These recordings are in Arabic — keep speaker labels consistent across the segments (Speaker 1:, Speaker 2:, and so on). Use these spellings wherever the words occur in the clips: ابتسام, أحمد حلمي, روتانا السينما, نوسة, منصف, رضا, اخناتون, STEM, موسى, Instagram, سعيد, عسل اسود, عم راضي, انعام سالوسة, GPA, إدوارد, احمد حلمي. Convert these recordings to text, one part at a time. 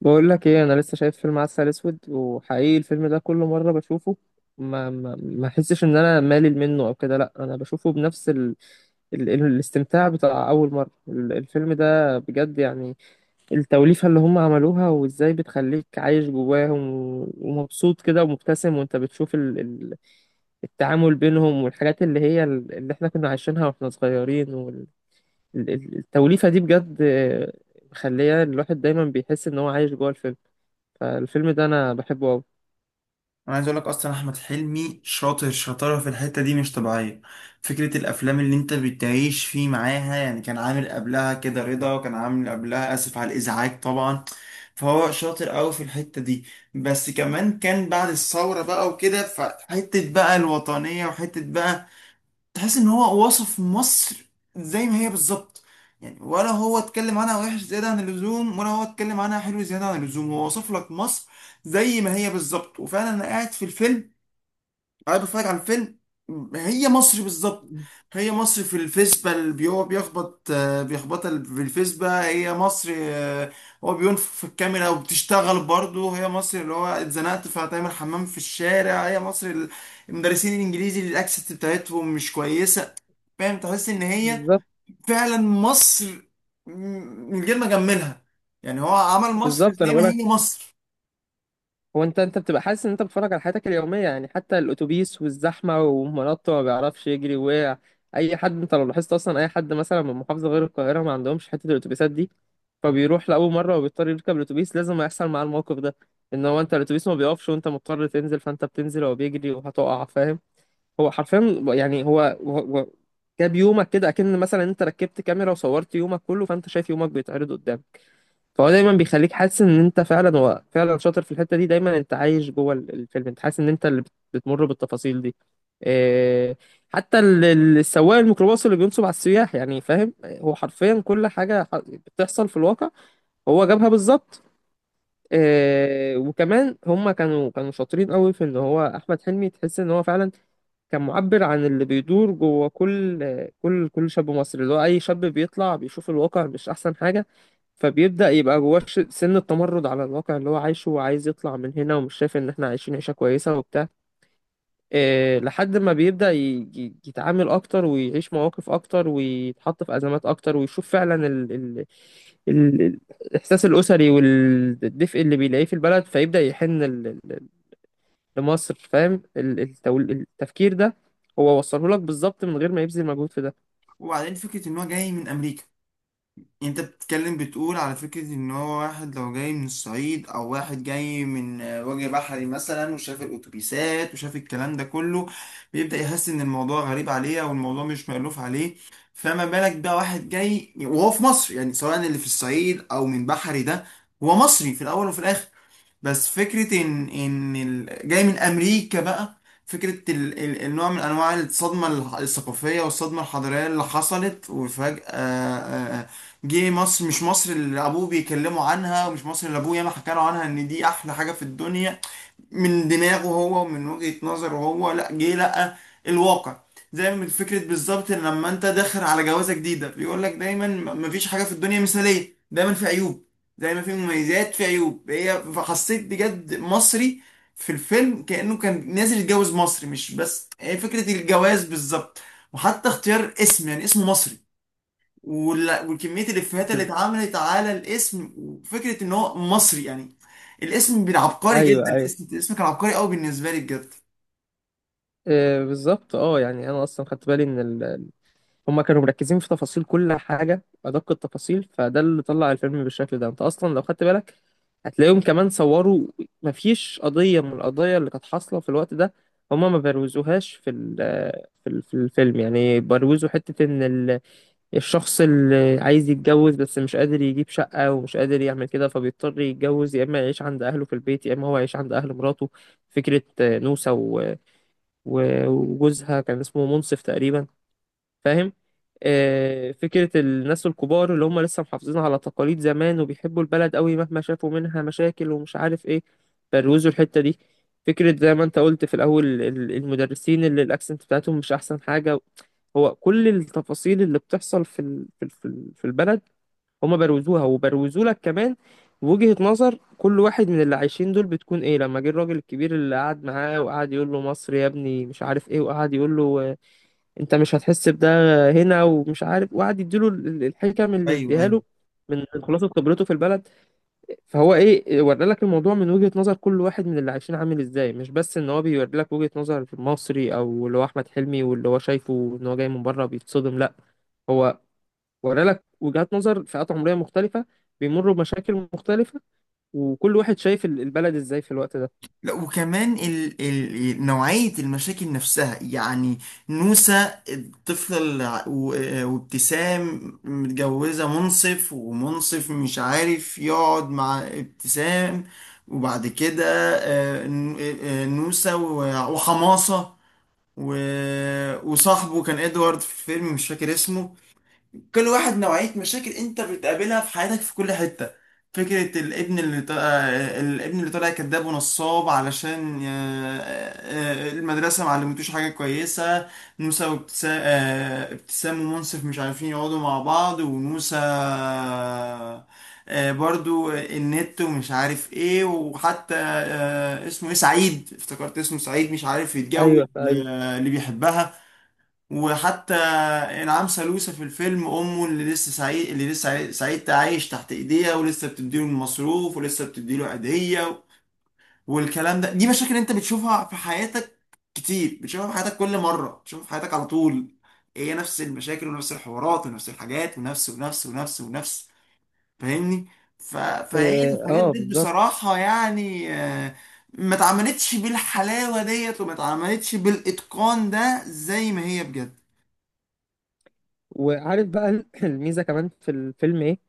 Speaker 1: بقول لك ايه، انا لسه شايف فيلم عسل اسود، وحقيقي الفيلم ده كل مره بشوفه ما احسش ان انا مالل منه او كده. لا، انا بشوفه بنفس الاستمتاع بتاع اول مره. الفيلم ده بجد يعني التوليفه اللي هم عملوها، وازاي بتخليك عايش جواهم ومبسوط كده ومبتسم، وانت بتشوف التعامل بينهم والحاجات اللي هي اللي احنا كنا عايشينها واحنا صغيرين. والتوليفه دي بجد آه، مخليه الواحد دايما بيحس ان هو عايش جوه الفيلم. فالفيلم ده انا بحبه قوي.
Speaker 2: انا عايز اقول لك اصلا احمد حلمي شاطر شطاره في الحته دي مش طبيعيه. فكره الافلام اللي انت بتعيش فيه معاها، يعني كان عامل قبلها كده رضا، وكان عامل قبلها اسف على الازعاج طبعا. فهو شاطر قوي في الحته دي، بس كمان كان بعد الثوره بقى وكده، فحته بقى الوطنيه وحته بقى تحس ان هو وصف مصر زي ما هي بالظبط. يعني ولا هو اتكلم عنها وحش زيادة عن اللزوم، ولا هو اتكلم عنها حلو زيادة عن اللزوم، هو وصف لك مصر زي ما هي بالظبط. وفعلا انا قاعد في الفيلم قاعد بتفرج على الفيلم، هي مصر بالظبط. هي مصر في الفيسبا اللي هو بيخبط، بيخبطها في الفيسبا، هي مصر. هو بينفخ في الكاميرا وبتشتغل برضه، هي مصر اللي هو اتزنقت فهتعمل حمام في الشارع، هي مصر المدرسين الانجليزي اللي الاكسنت بتاعتهم مش كويسه. فاهم؟ تحس ان هي
Speaker 1: بالظبط.
Speaker 2: فعلا مصر، م- من غير ما اجملها، يعني هو عمل مصر
Speaker 1: بالظبط انا
Speaker 2: زي ما
Speaker 1: بقولك،
Speaker 2: هي مصر.
Speaker 1: هو انت بتبقى حاسس ان انت بتتفرج على حياتك اليوميه يعني. حتى الاتوبيس والزحمه، ومنطه ما بيعرفش يجري ووقع اي حد. انت لو لاحظت، اصلا اي حد مثلا من محافظه غير القاهره ما عندهمش حته الاتوبيسات دي، فبيروح لاول مره وبيضطر يركب الاتوبيس. لازم يحصل معاه الموقف ده، ان هو انت الاتوبيس ما بيقفش، وانت مضطر تنزل، فانت بتنزل وهو بيجري وهتقع. فاهم؟ هو حرفيا يعني هو جاب يومك كده، اكن مثلا انت ركبت كاميرا وصورت يومك كله، فانت شايف يومك بيتعرض قدامك. فهو دايما بيخليك حاسس ان انت فعلا، هو فعلا شاطر في الحته دي. دايما انت عايش جوه الفيلم. انت حاسس ان انت اللي بتمر بالتفاصيل دي. إيه، حتى السواق الميكروباص اللي بينصب على السياح يعني. فاهم؟ هو حرفيا كل حاجه بتحصل في الواقع هو جابها بالظبط. إيه، وكمان هما كانوا شاطرين قوي في ان هو احمد حلمي تحس ان هو فعلا كان معبر عن اللي بيدور جوه كل شاب مصري. اللي هو اي شاب بيطلع بيشوف الواقع مش احسن حاجه، فبيبدأ يبقى جواه سن التمرد على الواقع اللي هو عايشه، وعايز يطلع من هنا ومش شايف ان احنا عايشين عيشة كويسة وبتاع. إيه، لحد ما بيبدأ يتعامل اكتر، ويعيش مواقف اكتر، ويتحط في ازمات اكتر، ويشوف فعلا ال ال- الاحساس الاسري والدفء اللي بيلاقيه في البلد، فيبدأ يحن لمصر. فاهم التفكير ده هو وصله لك بالظبط من غير ما يبذل مجهود في ده.
Speaker 2: وبعدين فكره ان هو جاي من امريكا، انت بتتكلم بتقول على فكرة ان هو واحد لو جاي من الصعيد او واحد جاي من وجه بحري مثلا، وشاف الاتوبيسات وشاف الكلام ده كله، بيبدأ يحس ان الموضوع غريب عليه او الموضوع مش مألوف عليه. فما بالك بقى واحد جاي وهو في مصر، يعني سواء اللي في الصعيد او من بحري، ده هو مصري في الاول وفي الاخر. بس فكرة إن جاي من أمريكا بقى، فكرة النوع من أنواع الصدمة الثقافية والصدمة الحضارية اللي حصلت وفجأة جه مصر مش مصر اللي أبوه بيكلموا عنها، ومش مصر اللي أبوه ياما حكى له عنها إن دي أحلى حاجة في الدنيا من دماغه هو ومن وجهة نظره هو، لا جه لقى الواقع. زي ما فكرة بالظبط إن لما انت داخل على جوازة جديدة بيقول لك دايما مفيش حاجة في الدنيا مثالية، دايما في عيوب زي ما في مميزات، في عيوب. هي فحسيت بجد مصري في الفيلم كأنه كان نازل يتجوز مصري، مش بس هي فكرة الجواز بالظبط. وحتى اختيار اسم، يعني اسمه مصري، وكمية الإفيهات اللي
Speaker 1: بال-
Speaker 2: اتعملت على الاسم، وفكرة إن هو مصري، يعني الاسم بين عبقري جدا.
Speaker 1: ايوه ايوه.
Speaker 2: الاسم، الاسم كان عبقري قوي بالنسبة لي بجد.
Speaker 1: إيه بالظبط. اه يعني انا اصلا خدت بالي ان ال، هما كانوا مركزين في تفاصيل كل حاجة، أدق التفاصيل. فده اللي طلع الفيلم بالشكل ده. أنت أصلا لو خدت بالك هتلاقيهم كمان صوروا، مفيش قضية من القضايا اللي كانت حاصلة في الوقت ده هما ما بروزوهاش في الفيلم يعني. بروزوا حتة إن الشخص اللي عايز يتجوز بس مش قادر يجيب شقة ومش قادر يعمل كده، فبيضطر يتجوز يا إما يعيش عند أهله في البيت يا إما هو يعيش عند أهل مراته. فكرة آه، نوسة وجوزها كان اسمه منصف تقريبا. فاهم؟ آه، فكرة الناس الكبار اللي هم لسه محافظين على تقاليد زمان وبيحبوا البلد قوي مهما شافوا منها مشاكل ومش عارف ايه، بروزوا الحتة دي. فكرة زي ما انت قلت في الأول المدرسين اللي الأكسنت بتاعتهم مش أحسن حاجة. هو كل التفاصيل اللي بتحصل في البلد هم بروزوها، وبروزوا لك كمان وجهة نظر كل واحد من اللي عايشين دول بتكون ايه. لما جه الراجل الكبير اللي قعد معاه وقعد يقول له مصر يا ابني مش عارف ايه، وقعد يقول له انت مش هتحس بده هنا ومش عارف، وقعد يديله الحكم اللي
Speaker 2: ايوه،
Speaker 1: يديها
Speaker 2: ايوه.
Speaker 1: له من خلاصه خبرته في البلد. فهو ايه، ورى لك الموضوع من وجهة نظر كل واحد من اللي عايشين عامل ازاي. مش بس ان هو بيوري لك وجهة نظر مصري او اللي هو احمد حلمي واللي هو شايفه ان هو جاي من بره بيتصدم، لا. هو ورى لك وجهات نظر فئات عمرية مختلفة بيمروا بمشاكل مختلفة، وكل واحد شايف البلد ازاي في الوقت ده.
Speaker 2: لا، وكمان نوعية المشاكل نفسها. يعني نوسة الطفلة وابتسام متجوزة منصف، ومنصف مش عارف يقعد مع ابتسام. وبعد كده، نوسة وحماصة و... وصاحبه كان ادوارد في الفيلم مش فاكر اسمه. كل واحد نوعية مشاكل انت بتقابلها في حياتك في كل حتة. فكرة الابن اللي ط... آه، الابن اللي طالع كذاب ونصاب علشان المدرسة ما علمتوش حاجة كويسة. موسى وابتسام، ابتسام ومنصف مش عارفين يقعدوا مع بعض، وموسى برضو النت ومش عارف ايه. وحتى اسمه ايه، سعيد، افتكرت اسمه سعيد، مش عارف يتجوز
Speaker 1: ايوه ايوه.
Speaker 2: اللي بيحبها. وحتى انعام سالوسة في الفيلم امه، اللي لسه سعيد اللي لسه سعيد عايش تحت ايديها ولسه بتديله المصروف ولسه بتديله عيدية، والكلام ده. دي مشاكل انت بتشوفها في حياتك كتير، بتشوفها في حياتك، كل مرة بتشوفها في حياتك على طول. هي نفس المشاكل ونفس الحوارات ونفس الحاجات ونفس ونفس ونفس ونفس. فاهمني؟ فهي
Speaker 1: اه
Speaker 2: الحاجات
Speaker 1: آه،
Speaker 2: دي
Speaker 1: بالظبط.
Speaker 2: بصراحة يعني، ما اتعملتش بالحلاوة ديت، وما اتعملتش بالإتقان ده زي ما هي بجد.
Speaker 1: وعارف بقى الميزة كمان في الفيلم ايه؟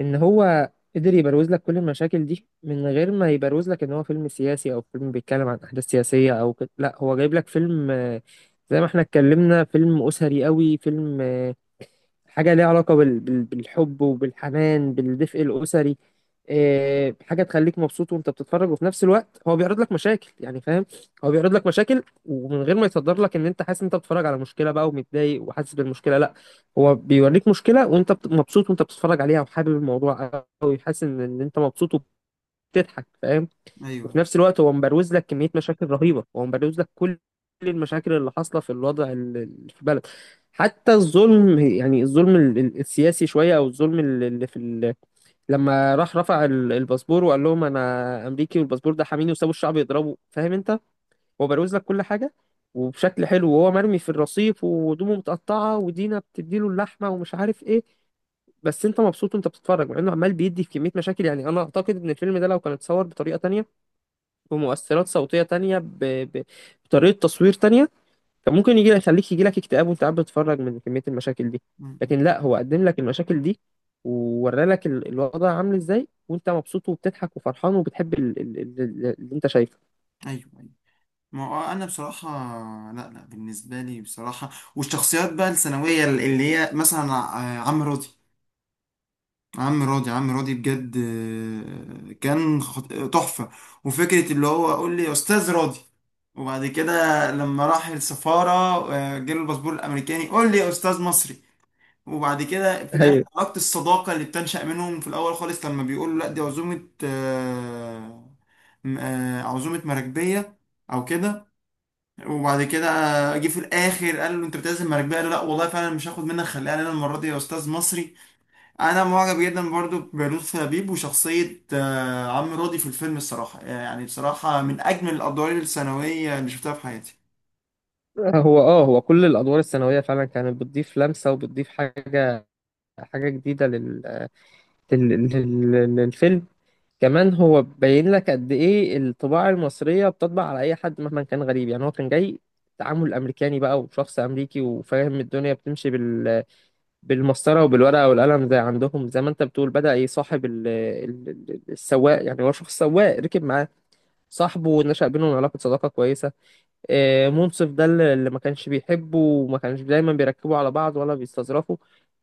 Speaker 1: ان هو قدر يبروز لك كل المشاكل دي من غير ما يبروز لك ان هو فيلم سياسي، او فيلم بيتكلم عن احداث سياسية او كده. لا، هو جايب لك فيلم آه، زي ما احنا اتكلمنا، فيلم اسري قوي. فيلم آه، حاجة ليها علاقة بالحب وبالحنان بالدفء الأسري. آه، حاجة تخليك مبسوط وأنت بتتفرج، وفي نفس الوقت هو بيعرض لك مشاكل يعني. فاهم؟ هو بيعرض لك مشاكل، ومن غير ما يصدر لك إن أنت حاسس إن أنت بتتفرج على مشكلة بقى ومتضايق وحاسس بالمشكلة، لا. هو بيوريك مشكلة وأنت مبسوط وأنت بتتفرج عليها وحابب الموضوع أوي، حاسس إن أنت مبسوط وبتضحك. فاهم؟
Speaker 2: ايوه،
Speaker 1: وفي
Speaker 2: أيوة.
Speaker 1: نفس الوقت هو مبروز لك كمية مشاكل رهيبة. هو مبروز لك كل المشاكل اللي حاصلة في الوضع في البلد. حتى الظلم يعني، الظلم السياسي شوية، أو الظلم اللي في ال، لما راح رفع الباسبور وقال لهم أنا أمريكي والباسبور ده حاميني وسابوا الشعب يضربه. فاهم أنت؟ هو بروز لك كل حاجة وبشكل حلو. وهو مرمي في الرصيف وهدومه متقطعة ودينا بتديله اللحمة ومش عارف إيه، بس أنت مبسوط وأنت بتتفرج، مع إنه عمال بيدي في كمية مشاكل يعني. أنا أعتقد إن الفيلم ده لو كان اتصور بطريقة تانية، بمؤثرات صوتية تانية، بطريقة تصوير تانية، كان ممكن يجي لك يخليك، يجي لك اكتئاب وانت قاعد بتتفرج من كمية المشاكل دي.
Speaker 2: م-م.
Speaker 1: لكن لا، هو قدم لك المشاكل دي وورى لك الوضع عامل ازاي، وانت مبسوط وبتضحك وفرحان وبتحب اللي انت شايفه.
Speaker 2: ايوه، ايوه. ما هو انا بصراحه، لا لا، بالنسبه لي بصراحه. والشخصيات بقى الثانويه اللي هي مثلا عم راضي. عم راضي، عم راضي بجد كان تحفه. وفكره اللي هو قول لي يا استاذ راضي، وبعد كده لما راح السفاره جاله الباسبور الامريكاني، قول لي يا استاذ مصري. وبعد كده في الاخر
Speaker 1: ايوه.
Speaker 2: علاقه الصداقه اللي بتنشا منهم في الاول خالص، لما بيقول له لا دي عزومه عزومه مراكبيه او كده. وبعد كده جه في الاخر قال له انت بتعزم مراكبيه، قال له لا والله فعلا مش هاخد منك، خليها لنا المره دي يا استاذ مصري. انا معجب جدا برضو بلطفي لبيب وشخصيه عم راضي في الفيلم الصراحه، يعني بصراحه من اجمل الادوار الثانويه اللي شفتها في حياتي.
Speaker 1: هو اه، هو كل الادوار الثانويه فعلا كانت بتضيف لمسه وبتضيف حاجه، حاجه جديده للفيلم. كمان هو باين لك قد ايه الطباع المصرية بتطبع على اي حد مهما كان غريب يعني. هو كان جاي تعامل امريكاني بقى وشخص امريكي وفاهم الدنيا بتمشي بالمسطرة وبالورقة والقلم زي عندهم. زي ما انت بتقول، بدأ يصاحب السواق يعني. هو شخص سواق ركب معاه، صاحبه ونشأ بينهم علاقة صداقة كويسة. آه، منصف ده اللي ما كانش بيحبه وما كانش دايما بيركبوا على بعض ولا بيستظرفوا،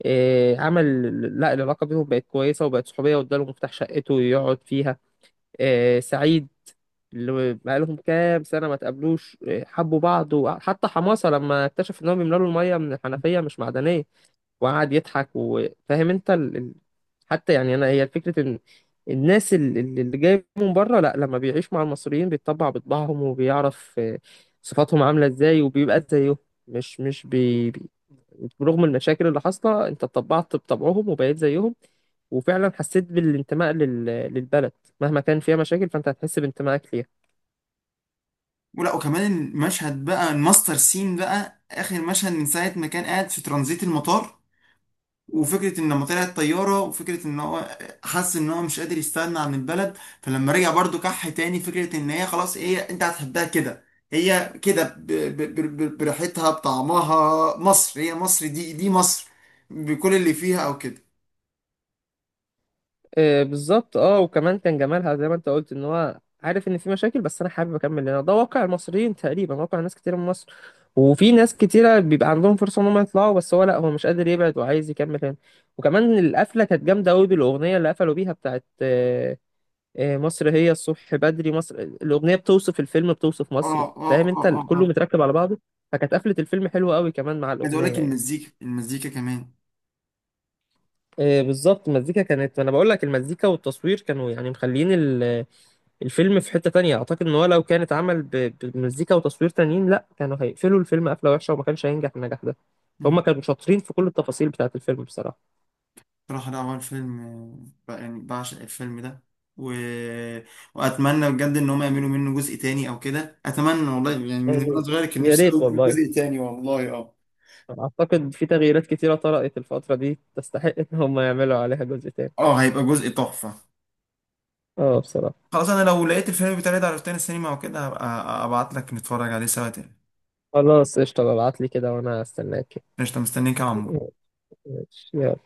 Speaker 1: آه، عمل، لا العلاقة بينهم بقت كويسة وبقت صحوبية واداله مفتاح شقته يقعد فيها. آه، سعيد اللي بقالهم كام سنة ما تقابلوش، آه، حبوا بعض. وحتى حماسة لما اكتشف إن هو بيملى له المية من الحنفية مش معدنية وقعد يضحك. وفاهم أنت حتى يعني، أنا هي فكرة إن الناس اللي جاية من بره، لا، لما بيعيش مع المصريين بيتطبع بطباعهم وبيعرف آه، صفاتهم عاملة إزاي وبيبقى زيهم. مش مش بي... برغم المشاكل اللي حاصله انت اتطبعت بطبعهم وبقيت زيهم، وفعلا حسيت بالانتماء للبلد. مهما كان فيها مشاكل فانت هتحس بانتمائك ليها.
Speaker 2: ولا، وكمان المشهد بقى، الماستر سين بقى، اخر مشهد من ساعه ما كان قاعد في ترانزيت المطار، وفكرة ان لما طلعت طيارة، وفكرة ان هو حس ان هو مش قادر يستغنى عن البلد، فلما رجع برضو كح تاني، فكرة ان هي خلاص، هي انت هتحبها كده، هي كده بريحتها بطعمها، مصر هي مصر دي، دي مصر بكل اللي فيها او كده.
Speaker 1: آه بالظبط. اه، وكمان كان جمالها زي ما انت قلت ان هو عارف ان في مشاكل، بس انا حابب اكمل، هنا ده واقع المصريين تقريبا، واقع ناس كتير من مصر. وفي ناس كتيرة بيبقى عندهم فرصة ان هم يطلعوا، بس هو لا، هو مش قادر يبعد وعايز يكمل هنا. وكمان القفلة كانت جامدة قوي بالأغنية اللي قفلوا بيها بتاعت آه، آه، مصر هي الصبح بدري. مصر الأغنية بتوصف الفيلم، بتوصف
Speaker 2: اه،
Speaker 1: مصر.
Speaker 2: اه،
Speaker 1: فاهم
Speaker 2: اه،
Speaker 1: انت؟
Speaker 2: اه،
Speaker 1: كله
Speaker 2: اه.
Speaker 1: متركب على بعضه. فكانت قفلة الفيلم حلوة قوي كمان مع
Speaker 2: عايز اقول
Speaker 1: الأغنية
Speaker 2: لك
Speaker 1: يعني.
Speaker 2: المزيكا، المزيكا كمان.
Speaker 1: آه، بالظبط. المزيكا كانت، انا بقول لك، المزيكا والتصوير كانوا يعني مخليين الفيلم في حتة تانية. اعتقد ان هو لو كانت عمل بمزيكا وتصوير تانيين، لا، كانوا هيقفلوا الفيلم قفلة وحشة وما كانش هينجح النجاح ده. فهم كانوا شاطرين في كل التفاصيل بتاعة الفيلم بصراحة.
Speaker 2: بصراحة ده أول فيلم، يعني بعشق الفيلم ده و... وأتمنى بجد إن هم يعملوا منه جزء تاني أو كده، أتمنى والله. يعني من وأنا
Speaker 1: يعني
Speaker 2: صغير كان
Speaker 1: يا
Speaker 2: نفسي
Speaker 1: ريت
Speaker 2: أوي في
Speaker 1: والله.
Speaker 2: جزء تاني والله. أه،
Speaker 1: اعتقد في تغييرات كتيرة طرأت الفترة دي تستحق ان هم يعملوا عليها جزء تاني.
Speaker 2: أه، هيبقى جزء تحفة.
Speaker 1: اه بصراحة.
Speaker 2: خلاص أنا لو لقيت الفيلم بتاعي ده على روتانا السينما وكده، هبقى أبعت لك نتفرج عليه سوا تاني.
Speaker 1: خلاص قشطة، ابعتلي كده وانا استناك.
Speaker 2: قشطة، مستنيك يا عمو.
Speaker 1: ماشي، يلا.